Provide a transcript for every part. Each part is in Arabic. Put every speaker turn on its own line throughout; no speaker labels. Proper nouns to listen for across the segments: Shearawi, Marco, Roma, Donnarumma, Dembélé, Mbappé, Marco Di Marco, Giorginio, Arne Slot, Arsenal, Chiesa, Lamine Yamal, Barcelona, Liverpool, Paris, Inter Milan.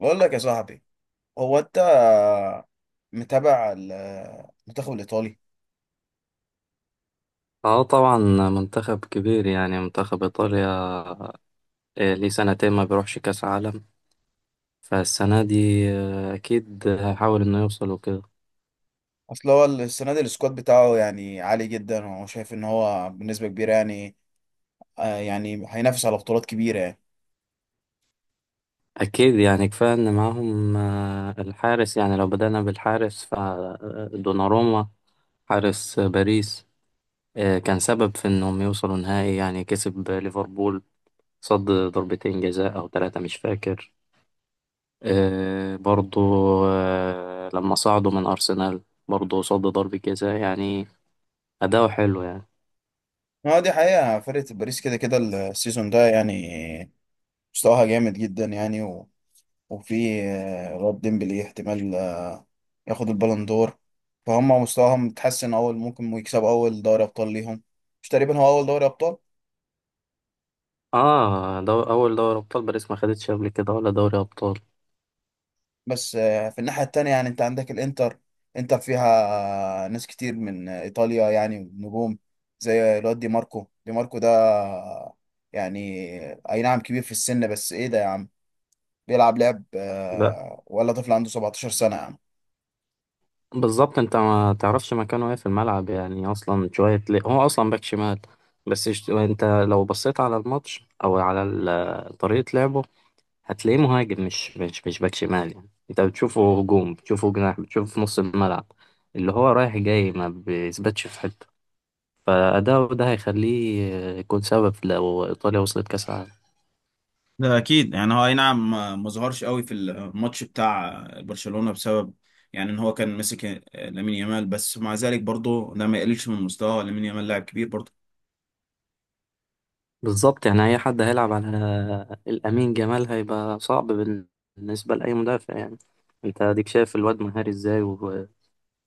بقول لك يا صاحبي، هو انت متابع المنتخب الايطالي؟
اه طبعا. منتخب كبير يعني منتخب ايطاليا. ليه سنتين ما بيروحش كاس عالم فالسنه دي. اكيد هحاول انه يوصل وكده.
اصل هو السنه دي السكواد بتاعه يعني عالي جدا، وهو شايف ان هو بنسبه كبيره يعني آه يعني هينافس على بطولات كبيره يعني.
اكيد يعني كفايه ان معاهم الحارس يعني لو بدأنا بالحارس فدوناروما حارس باريس. كان سبب في انهم يوصلوا نهائي يعني كسب ليفربول. صد ضربتين جزاء او ثلاثه مش فاكر. برضو لما صعدوا من ارسنال برضه صد ضربة جزاء يعني. أداؤه حلو يعني.
ما دي حقيقه، فرقه باريس كده كده السيزون ده يعني مستواها جامد جدا يعني، وفي الواد ديمبلي احتمال ياخد البالون دور. فهم مستواهم متحسن، اول ممكن يكسب اول دوري ابطال ليهم. مش تقريبا هو اول دوري ابطال؟
اه، أول دوري أبطال باريس ما خدتش قبل كده ولا دوري أبطال.
بس في الناحية التانية يعني انت عندك الانتر، انتر فيها ناس كتير من ايطاليا يعني نجوم، زي الواد دي ماركو. دي ماركو ده يعني اي نعم كبير في السن، بس ايه ده يا عم، بيلعب لعب
لا.
ولا طفل عنده 17 سنة يا عم.
بالظبط أنت ما تعرفش مكانه إيه في الملعب يعني أصلا شوية ليه هو أصلا باك شمال. بس أنت لو بصيت على الماتش أو على طريقة لعبه هتلاقيه مهاجم مش باك شمال يعني. أنت بتشوفه هجوم بتشوفه جناح بتشوفه في نص الملعب اللي هو رايح جاي ما بيثبتش في حتة. فأداؤه ده هيخليه يكون سبب لو إيطاليا وصلت كأس العالم.
ده اكيد يعني، هو اي نعم ما ظهرش قوي في الماتش بتاع برشلونة بسبب يعني ان هو كان مسك لامين يامال، بس مع ذلك برضه ده ما يقللش من مستواه، لامين يامال لاعب كبير برضه.
بالظبط يعني أي حد هيلعب على الأمين جمال هيبقى صعب بالنسبة لأي مدافع يعني. أنت أديك شايف الواد مهاري إزاي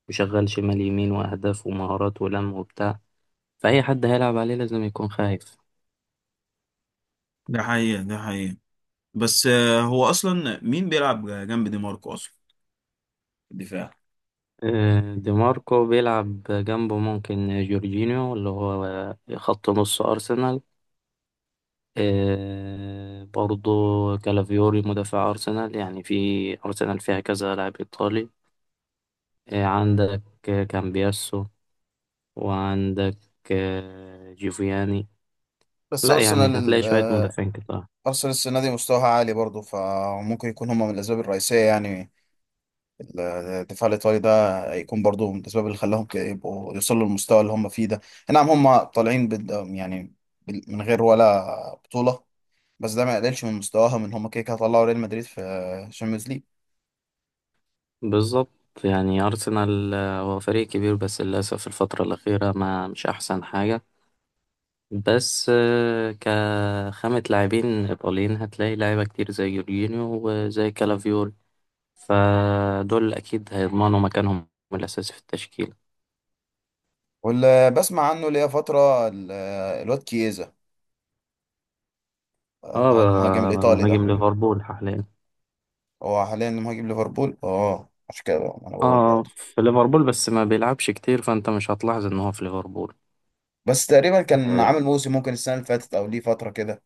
وشغال شمال يمين وأهداف ومهارات ولم وبتاع. فأي حد هيلعب عليه لازم يكون خايف.
ده حقيقة، ده حقيقة، بس هو اصلا مين بيلعب جنب دي ماركو اصلا في الدفاع؟
دي ماركو بيلعب جنبه ممكن جورجينيو اللي هو خط نص أرسنال. برضو كالافيوري مدافع أرسنال يعني في أرسنال فيها كذا لاعب إيطالي. عندك كامبياسو وعندك جيفياني.
بس
لا يعني
ارسنال ال-
هتلاقي شوية
آه،
مدافعين كتار.
ارسنال السنه دي مستواها عالي برضه، فممكن يكون هما من الاسباب الرئيسيه يعني. الدفاع الايطالي ده يكون برضه من الاسباب اللي خلاهم يبقوا يوصلوا للمستوى اللي هما فيه ده. نعم، هما طالعين يعني من غير ولا بطوله، بس ده ما يقللش من مستواها، من هما كده كده طلعوا ريال مدريد في الشامبيونز ليج.
بالظبط يعني أرسنال هو فريق كبير بس للأسف الفترة الأخيرة ما مش أحسن حاجة. بس كخامة لاعبين إيطاليين هتلاقي لعيبة كتير زي جورجينيو وزي كالافيوري. فدول أكيد هيضمنوا مكانهم الأساسي في التشكيل.
واللي بسمع عنه ليا فتره الواد كييزا، اللي هو المهاجم
اه،
الايطالي ده.
مهاجم ليفربول حاليا.
هو حاليا مهاجم ليفربول، اه عشان كده بقى، ما انا بقول
اه،
برضه.
في ليفربول بس ما بيلعبش كتير فأنت مش هتلاحظ إن هو في ليفربول.
بس تقريبا كان عامل
آه،
موسم، ممكن السنه اللي فاتت او ليه فتره كده.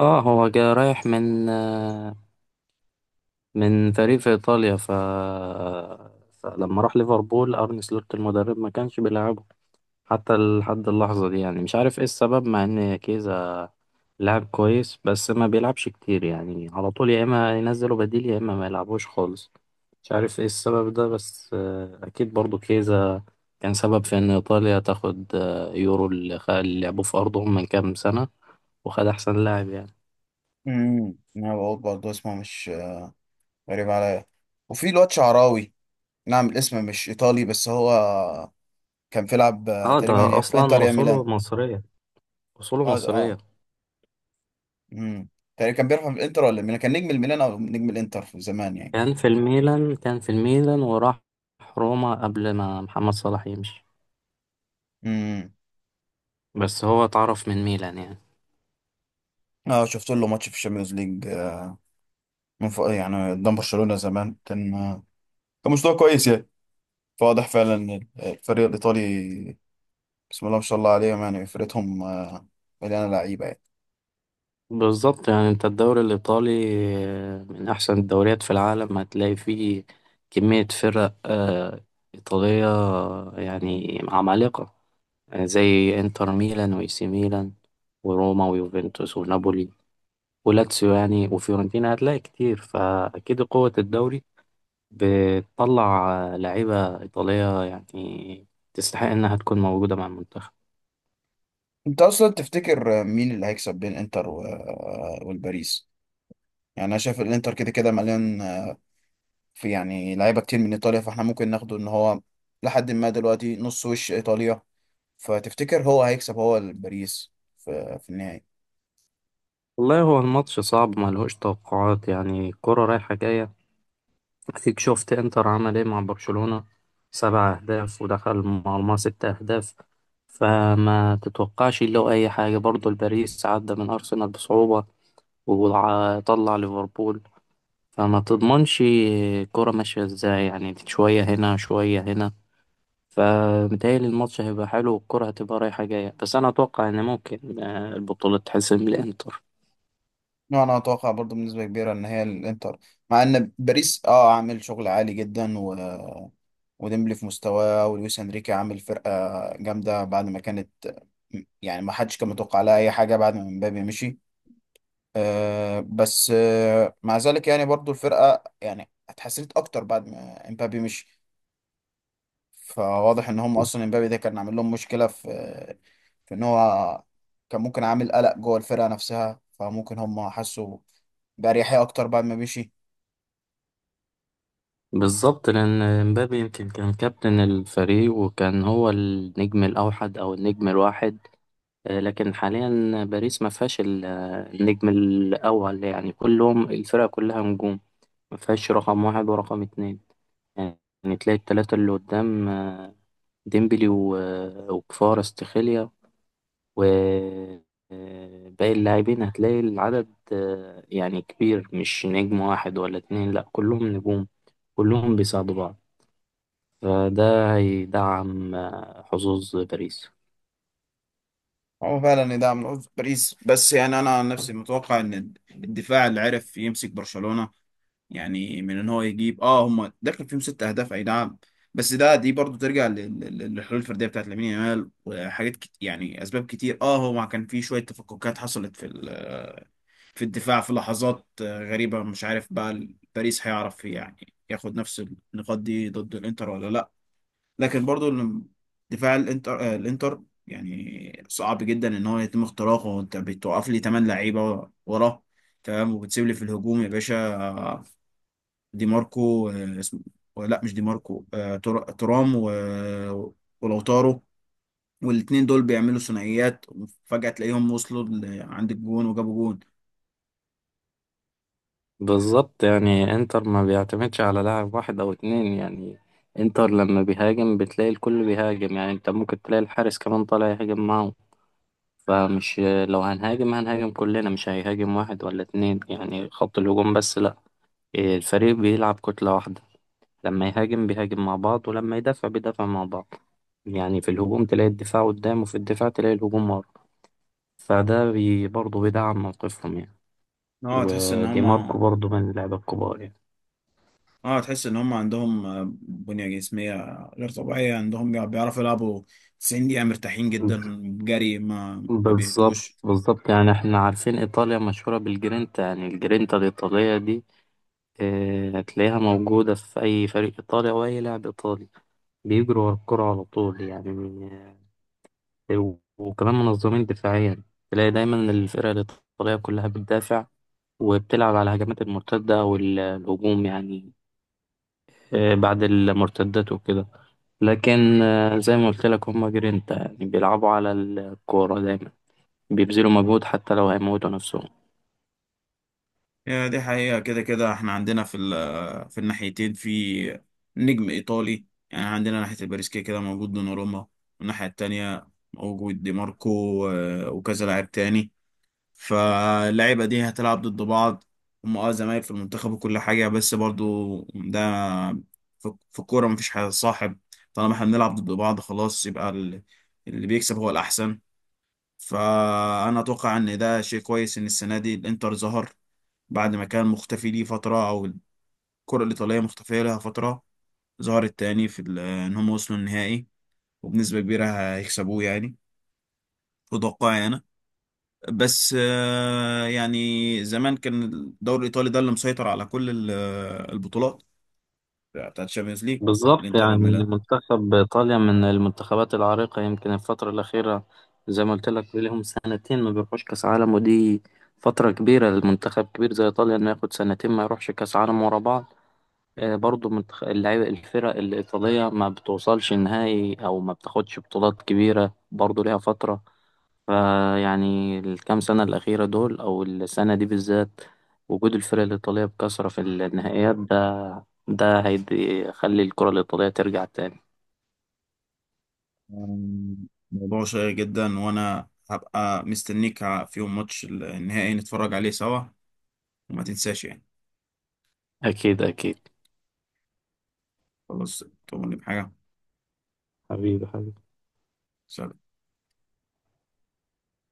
اه هو جاي رايح من من فريق في ايطاليا فلما راح ليفربول ارن سلوت المدرب ما كانش بيلعبه حتى لحد اللحظه دي يعني مش عارف ايه السبب مع ان كيزا لاعب كويس بس ما بيلعبش كتير يعني على طول يا اما ينزله بديل يا اما ما يلعبوش خالص. مش عارف ايه السبب ده بس اكيد برضو كيزا كان سبب في ان ايطاليا تاخد يورو اللي لعبوه في ارضهم من كام سنه وخد احسن لاعب يعني.
انا بقول برضه اسمه مش غريب عليا. وفي الواد شعراوي، نعم الاسم مش ايطالي، بس هو كان بيلعب
اه، ده
تقريبا يا في انتر
اصلا
يا ميلان.
اصوله مصريه. أصوله
اه
مصرية.
اه. امم تقريبا كان بيلعب في الانتر ولا ميلان، كان نجم الميلان او نجم الانتر في زمان يعني.
كان في الميلان وراح روما قبل ما محمد صلاح يمشي.
امم
بس هو اتعرف من ميلان يعني.
اه شفت له ماتش في الشامبيونز ليج، من فوق يعني قدام برشلونه زمان، كان كان مستوى كويس يعني. فواضح فعلا إن الفريق الإيطالي، بسم الله ما شاء الله عليهم يعني، فرقتهم مليانة لعيبة يعني.
بالظبط يعني انت الدوري الإيطالي من أحسن الدوريات في العالم هتلاقي فيه كمية فرق إيطالية يعني عمالقة زي إنتر ميلان وإي سي ميلان وروما ويوفنتوس ونابولي ولاتسيو يعني وفيورنتينا هتلاقي كتير. فأكيد قوة الدوري بتطلع لعيبة إيطالية يعني تستحق إنها تكون موجودة مع المنتخب.
أنت أصلا تفتكر مين اللي هيكسب بين إنتر و- آه، والباريس؟ يعني أنا شايف الإنتر كده كده مليان في يعني لعيبة كتير من إيطاليا، فإحنا ممكن ناخده إن هو لحد ما دلوقتي نص وش إيطاليا. فتفتكر هو هيكسب، هو الباريس، في في النهائي؟
والله هو الماتش صعب ملهوش توقعات يعني الكرة رايحة جاية. أكيد شفت إنتر عمل إيه مع برشلونة. 7 أهداف ودخل مرمى 6 أهداف. فما تتوقعش له أي حاجة. برضه الباريس عدى من أرسنال بصعوبة وطلع ليفربول. فما تضمنش الكرة ماشية إزاي يعني شوية هنا شوية هنا. فمتهيألي الماتش هيبقى حلو والكرة هتبقى رايحة جاية بس أنا أتوقع إن ممكن البطولة تحسم للإنتر.
لا، انا اتوقع برضو بنسبه كبيره ان هي الانتر. مع ان باريس اه عامل شغل عالي جدا، و وديمبلي في مستواه، ولويس انريكي عامل فرقه جامده، بعد ما كانت يعني ما حدش كان متوقع لها اي حاجه بعد ما مبابي مشي. آه بس آه مع ذلك يعني برضو الفرقه يعني اتحسنت اكتر بعد ما امبابي مشي. فواضح ان هم اصلا امبابي ده كان عامل لهم مشكله في في ان هو كان ممكن عامل قلق جوه الفرقه نفسها، فممكن هم حسوا باريحيه اكتر بعد ما مشي.
بالظبط لأن مبابي يمكن كان كابتن الفريق وكان هو النجم الأوحد أو النجم الواحد. لكن حاليا باريس ما فيهاش النجم الأول يعني كلهم الفرقة كلها نجوم. ما فيهاش رقم واحد ورقم اتنين. يعني تلاقي التلاتة اللي قدام ديمبلي وكفارة استخيليا وباقي اللاعبين هتلاقي العدد يعني كبير مش نجم واحد ولا اتنين لأ كلهم نجوم كلهم بيساعدوا بعض. فده هيدعم حظوظ باريس.
هو فعلا ده من عذر باريس، بس يعني انا عن نفسي متوقع ان الدفاع اللي عرف يمسك برشلونه، يعني من ان هو يجيب اه هم داخل فيهم ست اهداف اي نعم، بس ده دي برضو ترجع للحلول الفرديه بتاعت لامين يامال، يعني اسباب كتير. اه هو كان في شويه تفككات حصلت في الدفاع، في لحظات غريبة، مش عارف بقى باريس هيعرف يعني ياخد نفس النقاط دي ضد الانتر ولا لا. لكن برضو دفاع الانتر الانتر يعني صعب جدا ان هو يتم اختراقه، انت بتوقف لي 8 لعيبة وراه تمام، وبتسيب لي في الهجوم يا باشا دي ماركو اسمه، لا مش دي ماركو، ترام ولوتارو. والاتنين دول بيعملوا ثنائيات، وفجأة تلاقيهم وصلوا عند الجون وجابوا جون.
بالظبط يعني انتر ما بيعتمدش على لاعب واحد أو اتنين يعني. انتر لما بيهاجم بتلاقي الكل بيهاجم يعني انت ممكن تلاقي الحارس كمان طالع يهاجم معه. فمش لو هنهاجم هنهاجم كلنا مش هيهاجم واحد ولا اتنين يعني خط الهجوم بس لأ. الفريق بيلعب كتلة واحدة. لما يهاجم بيهاجم مع بعض ولما يدافع بيدافع مع بعض يعني. في الهجوم تلاقي الدفاع قدام وفي الدفاع تلاقي الهجوم ورا. فده برضه بيدعم موقفهم يعني.
اه تحس ان
ودي ماركو
هما،
برضه من اللعيبة الكبار يعني.
اه تحس ان هم عندهم بنية جسمية غير طبيعية، عندهم بيعرفوا يلعبوا 90 دقيقة مرتاحين جدا، جري ما
بالظبط،
بيهدوش.
بالظبط، يعني احنا عارفين ايطاليا مشهورة بالجرينتا يعني الجرينتا الايطالية دي. اه هتلاقيها موجودة في اي فريق ايطالي او اي لاعب ايطالي بيجروا ورا الكرة على طول يعني. وكمان منظمين دفاعيا تلاقي دايما الفرقة الايطالية كلها بتدافع وبتلعب على الهجمات المرتدة أو الهجوم يعني بعد المرتدات وكده. لكن زي ما قلت لك هما جرينتا يعني بيلعبوا على الكورة دايما بيبذلوا مجهود حتى لو هيموتوا نفسهم.
هي دي حقيقة، كده كده احنا عندنا في الناحيتين في نجم ايطالي. يعني عندنا ناحية الباريس كده كده موجود دوناروما، والناحية التانية موجود دي ماركو وكذا لاعب تاني. فاللعيبة دي هتلعب ضد بعض، هم اه زمايل في المنتخب وكل حاجة، بس برضو ده في في الكورة مفيش حاجة صاحب، طالما احنا بنلعب ضد بعض خلاص، يبقى اللي بيكسب هو الأحسن. فأنا أتوقع إن ده شيء كويس إن السنة دي الإنتر ظهر بعد ما كان مختفي ليه فترة، أو الكرة الإيطالية مختفية لها فترة، ظهرت تاني إن هم وصلوا النهائي. وبنسبة كبيرة هيكسبوه يعني، في توقعي أنا. بس يعني زمان كان الدوري الإيطالي ده اللي مسيطر على كل البطولات بتاعت الشامبيونز ليج،
بالظبط
الإنتر
يعني
والميلان.
منتخب إيطاليا من المنتخبات العريقة يمكن الفترة الأخيرة زي ما قلت لك لهم سنتين ما بيروحوش كأس عالم ودي فترة كبيرة للمنتخب كبير زي إيطاليا إنه ياخد سنتين ما يروحش كأس عالم ورا بعض. برضو من اللعيبة الفرق الإيطالية ما بتوصلش نهائي أو ما بتاخدش بطولات كبيرة برضو ليها فترة. فيعني الكام سنة الأخيرة دول أو السنة دي بالذات وجود الفرق الإيطالية بكثرة في النهائيات ده هيخلي الكرة الإيطالية ترجع تاني.
موضوع شيق جدا، وأنا هبقى مستنيك في يوم ماتش النهائي نتفرج عليه سوا، وما تنساش يعني.
أكيد أكيد.
خلاص، تؤمرني بحاجة.
حبيبي حبيبي.
سلام.